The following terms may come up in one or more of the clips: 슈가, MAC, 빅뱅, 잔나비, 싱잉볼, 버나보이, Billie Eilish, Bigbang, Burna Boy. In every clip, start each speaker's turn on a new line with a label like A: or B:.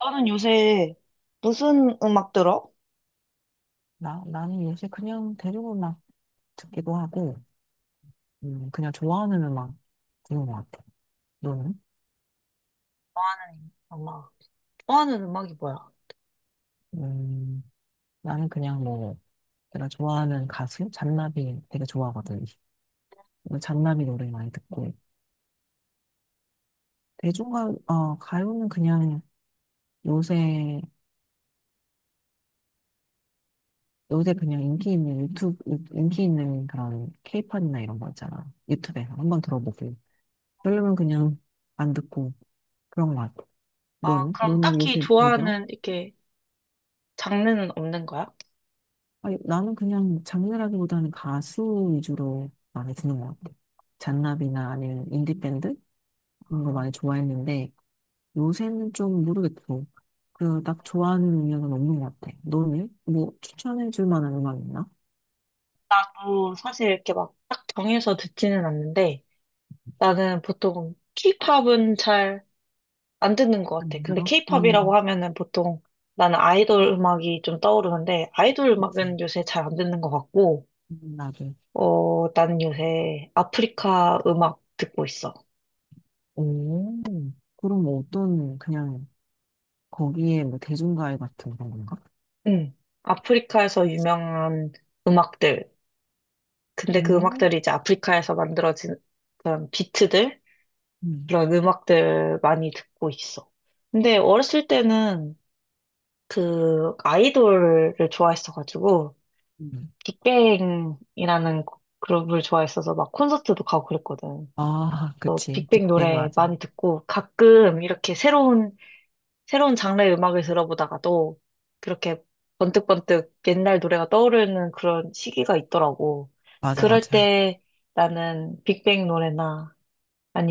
A: 나는 요새 무슨 음악 들어?
B: 나는 요새 그냥 대륙 음악 듣기도 하고, 그냥 좋아하는 음악 듣는 것 같아. 너는?
A: 좋아하는 음악. 좋아하는 음악이 뭐야?
B: 음, 나는 그냥 뭐, 내가 좋아하는 가수, 잔나비 되게 좋아하거든. 그래서 잔나비 노래 많이 듣고. 대중가, 가요는 그냥 요새, 요새 그냥 인기 있는 인기 있는 그런 케이팝이나 이런 거 있잖아. 유튜브에서 한번 들어보고. 그러면 그냥 안 듣고 그런 것 같아.
A: 아,
B: 너는?
A: 그럼
B: 너는
A: 딱히
B: 요새 뭐 들어?
A: 좋아하는 이렇게 장르는 없는 거야?
B: 아니, 나는 그냥 장르라기보다는 가수 위주로 많이 듣는 것 같아. 잔나비나 아니면 인디밴드? 이런 거
A: 아,
B: 많이 좋아했는데, 요새는 좀 모르겠고, 그, 딱 좋아하는 음악은 없는 것 같아. 너는? 뭐, 추천해줄 만한 음악 있나?
A: 나도 사실 이렇게 막 딱 정해서 듣지는 않는데 나는 보통 케이팝은 잘 안 듣는 것 같아.
B: 안
A: 근데
B: 들어?
A: 케이팝이라고 하면은 보통 나는 아이돌 음악이 좀 떠오르는데 아이돌
B: 그치.
A: 음악은 요새 잘 안 듣는 것 같고
B: 나도.
A: 나는 요새 아프리카 음악 듣고 있어.
B: 오, 그럼 뭐 어떤, 그냥, 거기에 뭐, 대중가요 같은 그런 건가?
A: 응. 아프리카에서 유명한 음악들. 근데 그
B: 오,
A: 음악들이 이제 아프리카에서 만들어진 그런 비트들?
B: 음,
A: 그런 음악들 많이 듣고 있어. 근데 어렸을 때는 그 아이돌을 좋아했어가지고,
B: 음.
A: 빅뱅이라는 그룹을 좋아했어서 막 콘서트도 가고 그랬거든.
B: 아,
A: 그래서
B: 그치.
A: 빅뱅
B: 빅뱅
A: 노래
B: 맞아.
A: 많이 듣고 가끔 이렇게 새로운 장르의 음악을 들어보다가도 그렇게 번뜩번뜩 옛날 노래가 떠오르는 그런 시기가 있더라고.
B: 맞아,
A: 그럴
B: 맞아.
A: 때 나는 빅뱅 노래나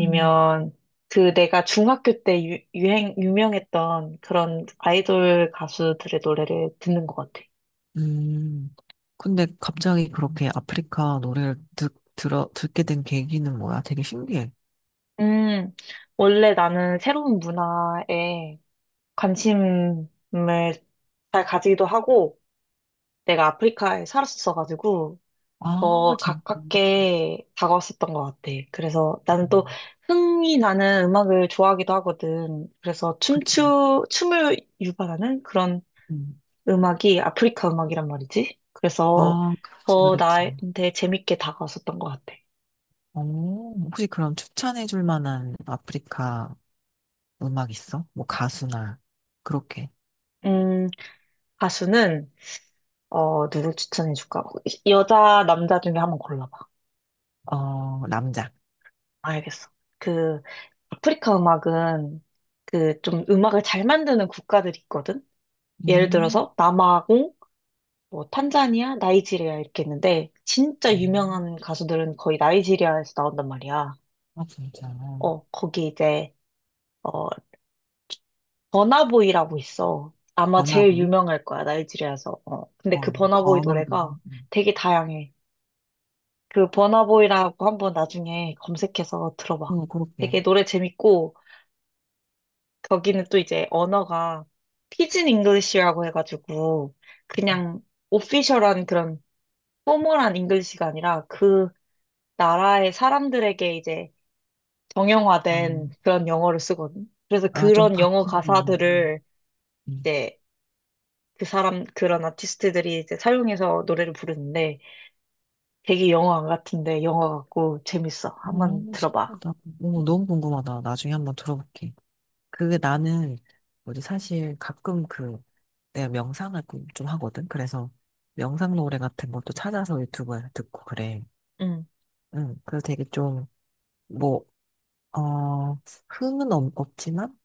B: 음.
A: 그 내가 중학교 때 유명했던 그런 아이돌 가수들의 노래를 듣는 것 같아.
B: 음, 근데 갑자기 그렇게 아프리카 노래를 듣게 된 계기는 뭐야? 되게 신기해.
A: 음, 원래 나는 새로운 문화에 관심을 잘 가지기도 하고, 내가 아프리카에 살았었어가지고,
B: 아, 진짜.
A: 가깝게 다가왔었던 것 같아. 그래서 나는 또
B: 음,
A: 흥이 나는 음악을 좋아하기도 하거든. 그래서
B: 그치.
A: 춤을 유발하는 그런
B: 음.
A: 음악이 아프리카 음악이란 말이지. 그래서
B: 아, 그렇지,
A: 더
B: 그렇지.
A: 나한테 재밌게 다가왔었던 것 같아.
B: 오, 혹시 그럼 추천해 줄 만한 아프리카 음악 있어? 뭐 가수나, 그렇게.
A: 음, 가수는, 누구 추천해줄까? 여자, 남자 중에 한번 골라봐.
B: 어, 남자.
A: 알겠어. 그, 아프리카 음악은 그 좀 음악을 잘 만드는 국가들이 있거든? 예를
B: 음,
A: 들어서 남아공, 뭐 탄자니아, 나이지리아 이렇게 있는데 진짜
B: 음.
A: 유명한 가수들은 거의 나이지리아에서 나온단 말이야.
B: 아, 진짜.
A: 거기 이제 어 버나보이라고 있어. 아마 제일
B: 버나보이?
A: 유명할 거야, 나이지리아에서. 어. 근데 그
B: 어,
A: 버나보이
B: 버나보이.
A: 노래가 되게 다양해. 그 버나보이라고 한번 나중에 검색해서 들어봐.
B: 응, 그렇게.
A: 되게 노래 재밌고 거기는 또 이제 언어가 피진 잉글리시라고 해가지고
B: 음.
A: 그냥 오피셜한 그런 포멀한 잉글리시가 아니라 그 나라의 사람들에게 이제
B: 아,
A: 정형화된 그런 영어를 쓰거든. 그래서
B: 아, 좀
A: 그런 영어
B: 바뀐 음악.
A: 가사들을 이제 그런 아티스트들이 이제 사용해서 노래를 부르는데 되게 영어 안 같은데 영어 같고 재밌어.
B: 어,
A: 한번 들어봐.
B: 신기하다. 오,
A: 음.
B: 너무 궁금하다. 나중에 한번 들어볼게. 그게 나는, 뭐지, 사실 가끔 그, 내가 명상을 꿈좀 하거든? 그래서 명상 노래 같은 것도 찾아서 유튜브에서 듣고 그래.
A: 음.
B: 응, 그래서 되게 좀, 뭐, 어, 흥은 없지만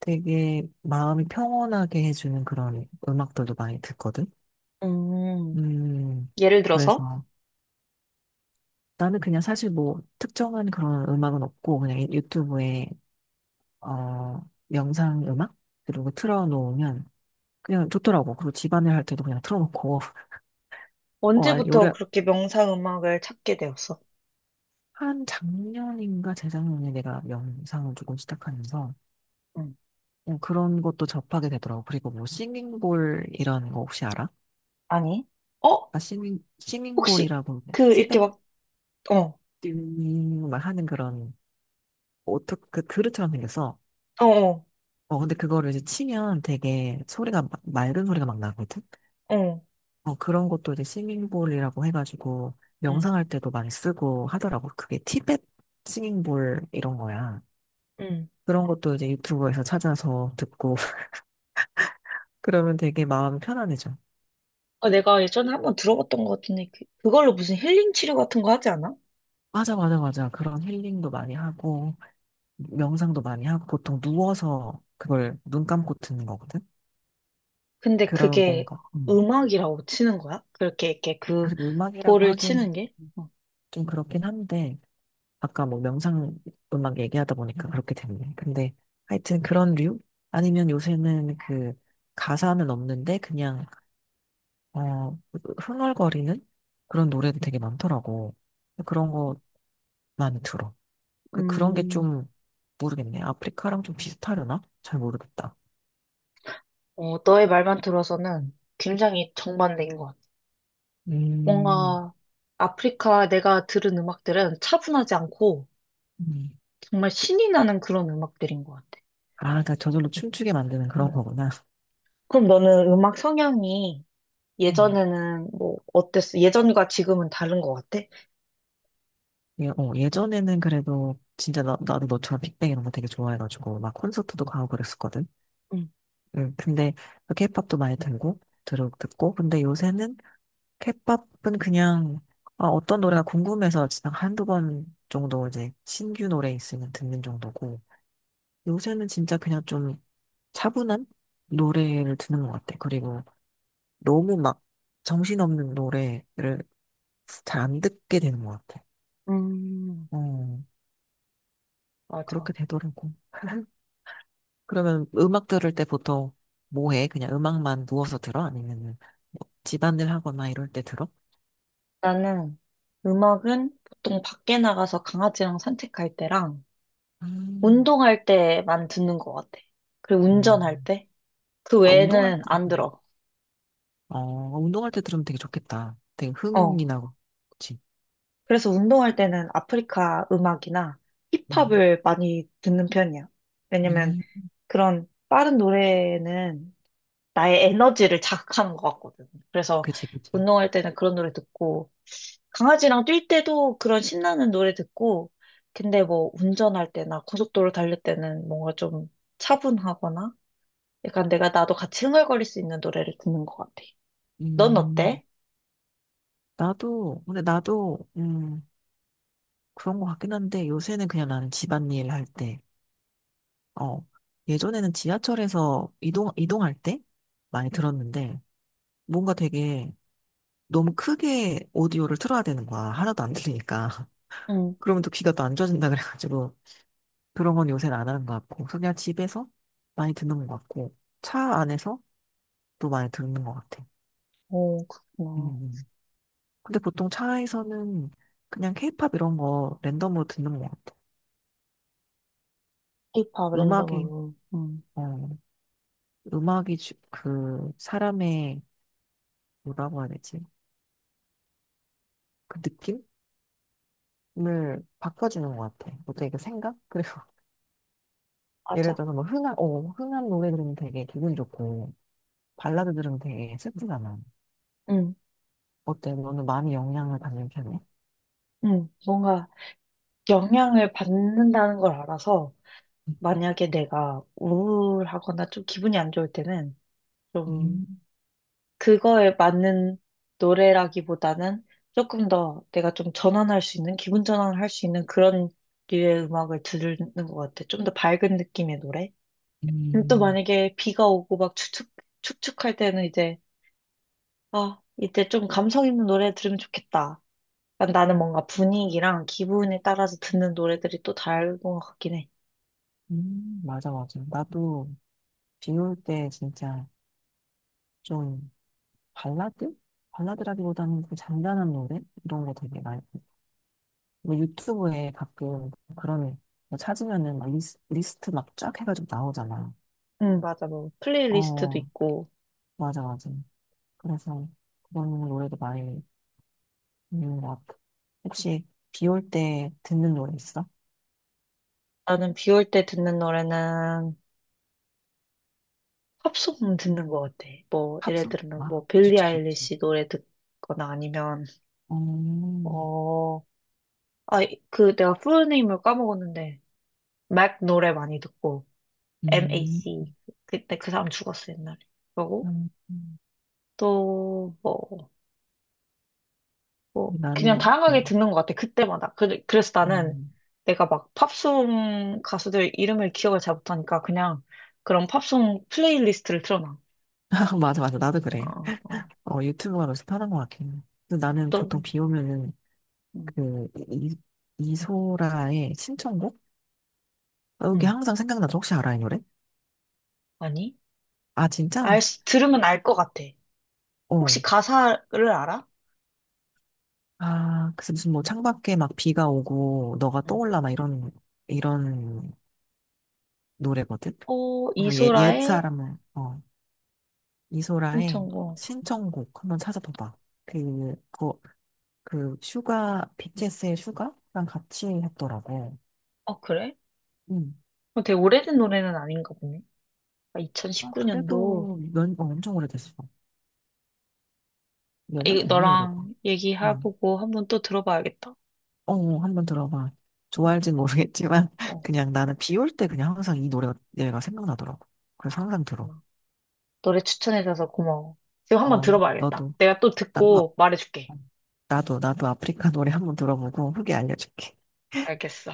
B: 되게 마음이 평온하게 해주는 그런 음악들도 많이 듣거든?
A: 음,
B: 음,
A: 예를 들어서
B: 그래서 나는 그냥 사실 뭐 특정한 그런 음악은 없고 그냥 유튜브에 어, 명상 음악? 그리고 틀어놓으면 그냥 좋더라고. 그리고 집안일 할 때도 그냥 틀어놓고. 어, 아니,
A: 언제부터
B: 올해
A: 그렇게 명상 음악을 찾게 되었어?
B: 한 작년인가 재작년에 내가 명상을 조금 시작하면서
A: 음.
B: 그냥 그런 것도 접하게 되더라고. 그리고 뭐 싱잉볼 이런 거 혹시 알아?
A: 아니, 어?
B: 아,
A: 혹시
B: 싱잉볼이라고
A: 그 이렇게 막, 어,
B: 티베트인이 막 하는 그런 오토, 그 그릇처럼 생겼어.
A: 어, 어,
B: 어, 근데 그거를 이제 치면 되게 맑은 소리가 막 나거든?
A: 어,
B: 어, 그런 것도 이제 싱잉볼이라고 해가지고
A: 음.
B: 명상할 때도 많이 쓰고 하더라고. 그게 티벳 싱잉볼 이런 거야.
A: 음.
B: 그런 것도 이제 유튜브에서 찾아서 듣고 그러면 되게 마음이 편안해져.
A: 아, 내가 예전에 한번 들어봤던 것 같은데, 그걸로 무슨 힐링 치료 같은 거 하지 않아?
B: 맞아, 맞아, 맞아. 그런 힐링도 많이 하고 명상도 많이 하고 보통 누워서 그걸 눈 감고 듣는 거거든.
A: 근데
B: 그러면
A: 그게
B: 뭔가
A: 음악이라고 치는 거야? 그렇게 이렇게 그
B: 사실 음악이라고
A: 볼을
B: 하긴
A: 치는 게? 어.
B: 좀 그렇긴 한데 아까 뭐 명상 음악 얘기하다 보니까 그렇게 됐네. 근데 하여튼 그런 류? 아니면 요새는 그 가사는 없는데 그냥 어 흥얼거리는 그런 노래도 되게 많더라고. 그런 거 많이 들어. 그 그런 게
A: 음,
B: 좀 모르겠네. 아프리카랑 좀 비슷하려나? 잘 모르겠다.
A: 너의 말만 들어서는 굉장히 정반대인 것 같아.
B: 음,
A: 뭔가 아프리카 내가 들은 음악들은 차분하지 않고
B: 음,
A: 정말 신이 나는 그런 음악들인 것 같아.
B: 아, 그러니까 저절로 춤추게 만드는 그런
A: 음.
B: 거구나.
A: 그럼 너는 음악 성향이
B: 음,
A: 예전에는 뭐 어땠어? 예전과 지금은 다른 것 같아?
B: 예전에는 그래도 진짜 나도 너처럼 빅뱅 이런 거 되게 좋아해가지고 막 콘서트도 가고 그랬었거든.
A: 응.
B: 근데 케이팝도 많이 들고 들어 듣고 근데 요새는 케이팝은 그냥 아, 어떤 노래가 궁금해서 그냥 한두 번 정도 이제 신규 노래 있으면 듣는 정도고 요새는 진짜 그냥 좀 차분한 노래를 듣는 것 같아. 그리고 너무 막 정신없는 노래를 잘 안 듣게 되는 것 같아.
A: 음,
B: 어,
A: 맞아.
B: 그렇게 되더라고. 그러면 음악 들을 때 보통 뭐 해? 그냥 음악만 누워서 들어? 아니면은 뭐 집안일 하거나 이럴 때 들어?
A: 나는 음악은 보통 밖에 나가서 강아지랑 산책할 때랑
B: 음,
A: 운동할 때만 듣는 것 같아. 그리고 운전할
B: 음.
A: 때? 그
B: 아,
A: 외에는 안 들어.
B: 운동할 때 들으면 되게 좋겠다. 되게
A: 어.
B: 흥이 나고, 그치?
A: 그래서 운동할 때는 아프리카 음악이나
B: 음,
A: 힙합을 많이 듣는 편이야. 왜냐면
B: 음,
A: 그런 빠른 노래는 나의 에너지를 자극하는 것 같거든. 그래서
B: 그치, 그치.
A: 운동할 때는 그런 노래 듣고 강아지랑 뛸 때도 그런 신나는 노래 듣고, 근데 뭐 운전할 때나 고속도로 달릴 때는 뭔가 좀 차분하거나, 약간 내가 나도 같이 흥얼거릴 수 있는 노래를 듣는 것 같아. 넌
B: 음,
A: 어때?
B: 나도, 그런 것 같긴 한데, 요새는 그냥 나는 집안일 할 때, 어, 예전에는 지하철에서 이동할 때 많이 들었는데, 뭔가 되게 너무 크게 오디오를 틀어야 되는 거야. 하나도 안 들리니까.
A: 응,
B: 그러면 또 귀가 또 안 좋아진다 그래가지고. 그런 건 요새는 안 하는 것 같고, 그냥 집에서 많이 듣는 것 같고, 차 안에서 또 많이 듣는 것 같아.
A: 오,
B: 음.
A: 그렇구나.
B: 음. 근데 보통 차에서는 그냥 케이팝 이런 거 랜덤으로 듣는 것 같아.
A: K-pop
B: 음악이,
A: 랜덤으로. 응.
B: 어, 음악이 주- 그 사람의 뭐라고 해야 되지? 그 느낌을 바꿔주는 것 같아. 어때? 그 생각? 그리고 예를
A: 맞아.
B: 들어서 뭐 흥한 노래 들으면 되게 기분 좋고, 발라드 들으면 되게 슬프잖아.
A: 응,
B: 어때? 너는 많이 영향을 받는 편이야?
A: 응. 뭔가 영향을 받는다는 걸 알아서, 만약에 내가 우울하거나 좀 기분이 안 좋을 때는, 좀
B: 음.
A: 그거에 맞는 노래라기보다는 조금 더 내가 좀 전환할 수 있는, 기분 전환을 할 수 있는 그런 류의 음악을 듣는 것 같아. 좀 더 밝은 느낌의 노래? 근데 또
B: 음,
A: 만약에 비가 오고 막 축축할 때는 이제, 아, 이때 좀 감성 있는 노래 들으면 좋겠다. 그러니까 나는 뭔가 분위기랑 기분에 따라서 듣는 노래들이 또 다른 것 같긴 해.
B: 맞아, 맞아. 나도 비올 때 진짜 좀 발라드? 발라드라기보다는 좀 잔잔한 노래? 이런 거 되게 많이. 뭐 유튜브에 가끔 그런 거 찾으면은 막 리스트 막 쫙 해가지고 나오잖아.
A: 응, 맞아. 뭐, 플레이리스트도
B: 어,
A: 있고.
B: 맞아, 맞아. 그래서 그런 노래도 많이 있는 것 같아. 혹시 비올 때 듣는 노래 있어?
A: 나는 비올 때 듣는 노래는 팝송 듣는 거 같아. 뭐, 예를
B: 팝송?
A: 들면,
B: 아,
A: 뭐, 빌리
B: 좋지, 좋지.
A: 아일리시 노래 듣거나 아니면,
B: 어,
A: 어, 아, 내가 풀네임을 까먹었는데, 맥 노래 많이 듣고,
B: 음,
A: MAC. 그때 그 사람 죽었어, 옛날에. 그러고,
B: 음.
A: 또, 뭐, 그냥
B: 나는, 어,
A: 다양하게 듣는 것 같아, 그때마다. 그래서 나는
B: 음.
A: 내가 막 팝송 가수들 이름을 기억을 잘 못하니까 그냥 그런 팝송 플레이리스트를 틀어놔.
B: 맞아, 맞아. 나도 그래.
A: 어, 어,
B: 어, 유튜브가 서새 편한 것 같긴 해. 근데 나는 보통
A: 또,
B: 비 오면은
A: 음,
B: 그 이소라의 신청곡? 여기
A: 음,
B: 항상 생각나죠. 혹시 알아, 이 노래?
A: 아니?
B: 아, 진짜?
A: 수- 들으면 알 것 같아.
B: 어.
A: 혹시 가사를 알아?
B: 아, 그래서 무슨 뭐 창밖에 막 비가 오고 너가
A: 응.
B: 떠올라 막 이런, 이런 노래거든? 그래서
A: 이소라의
B: 옛사람은, 어, 이소라의
A: 신청곡.
B: 신청곡 한번 찾아봐봐. 그, 그, 그 슈가, BTS의 슈가랑 같이 했더라고.
A: 그래?
B: 응.
A: 되게 오래된 노래는 아닌가 보네.
B: 아,
A: 2019년도.
B: 그래도 몇, 어, 엄청 오래됐어. 몇 년
A: 이
B: 됐네, 이러다.
A: 너랑
B: 응.
A: 얘기해보고 한번 또 들어봐야겠다.
B: 어, 어, 한번 들어봐.
A: 어,
B: 좋아할진 모르겠지만,
A: 어,
B: 그냥 나는 비올 때 그냥 항상 이 노래가 얘가 생각나더라고. 그래서 항상 들어.
A: 고마워. 노래 추천해줘서 고마워. 지금 한번
B: 어,
A: 들어봐야겠다.
B: 너도,
A: 내가 또
B: 나, 어,
A: 듣고 말해줄게.
B: 나도 아프리카 노래 한번 들어보고 후기 알려줄게.
A: 알겠어.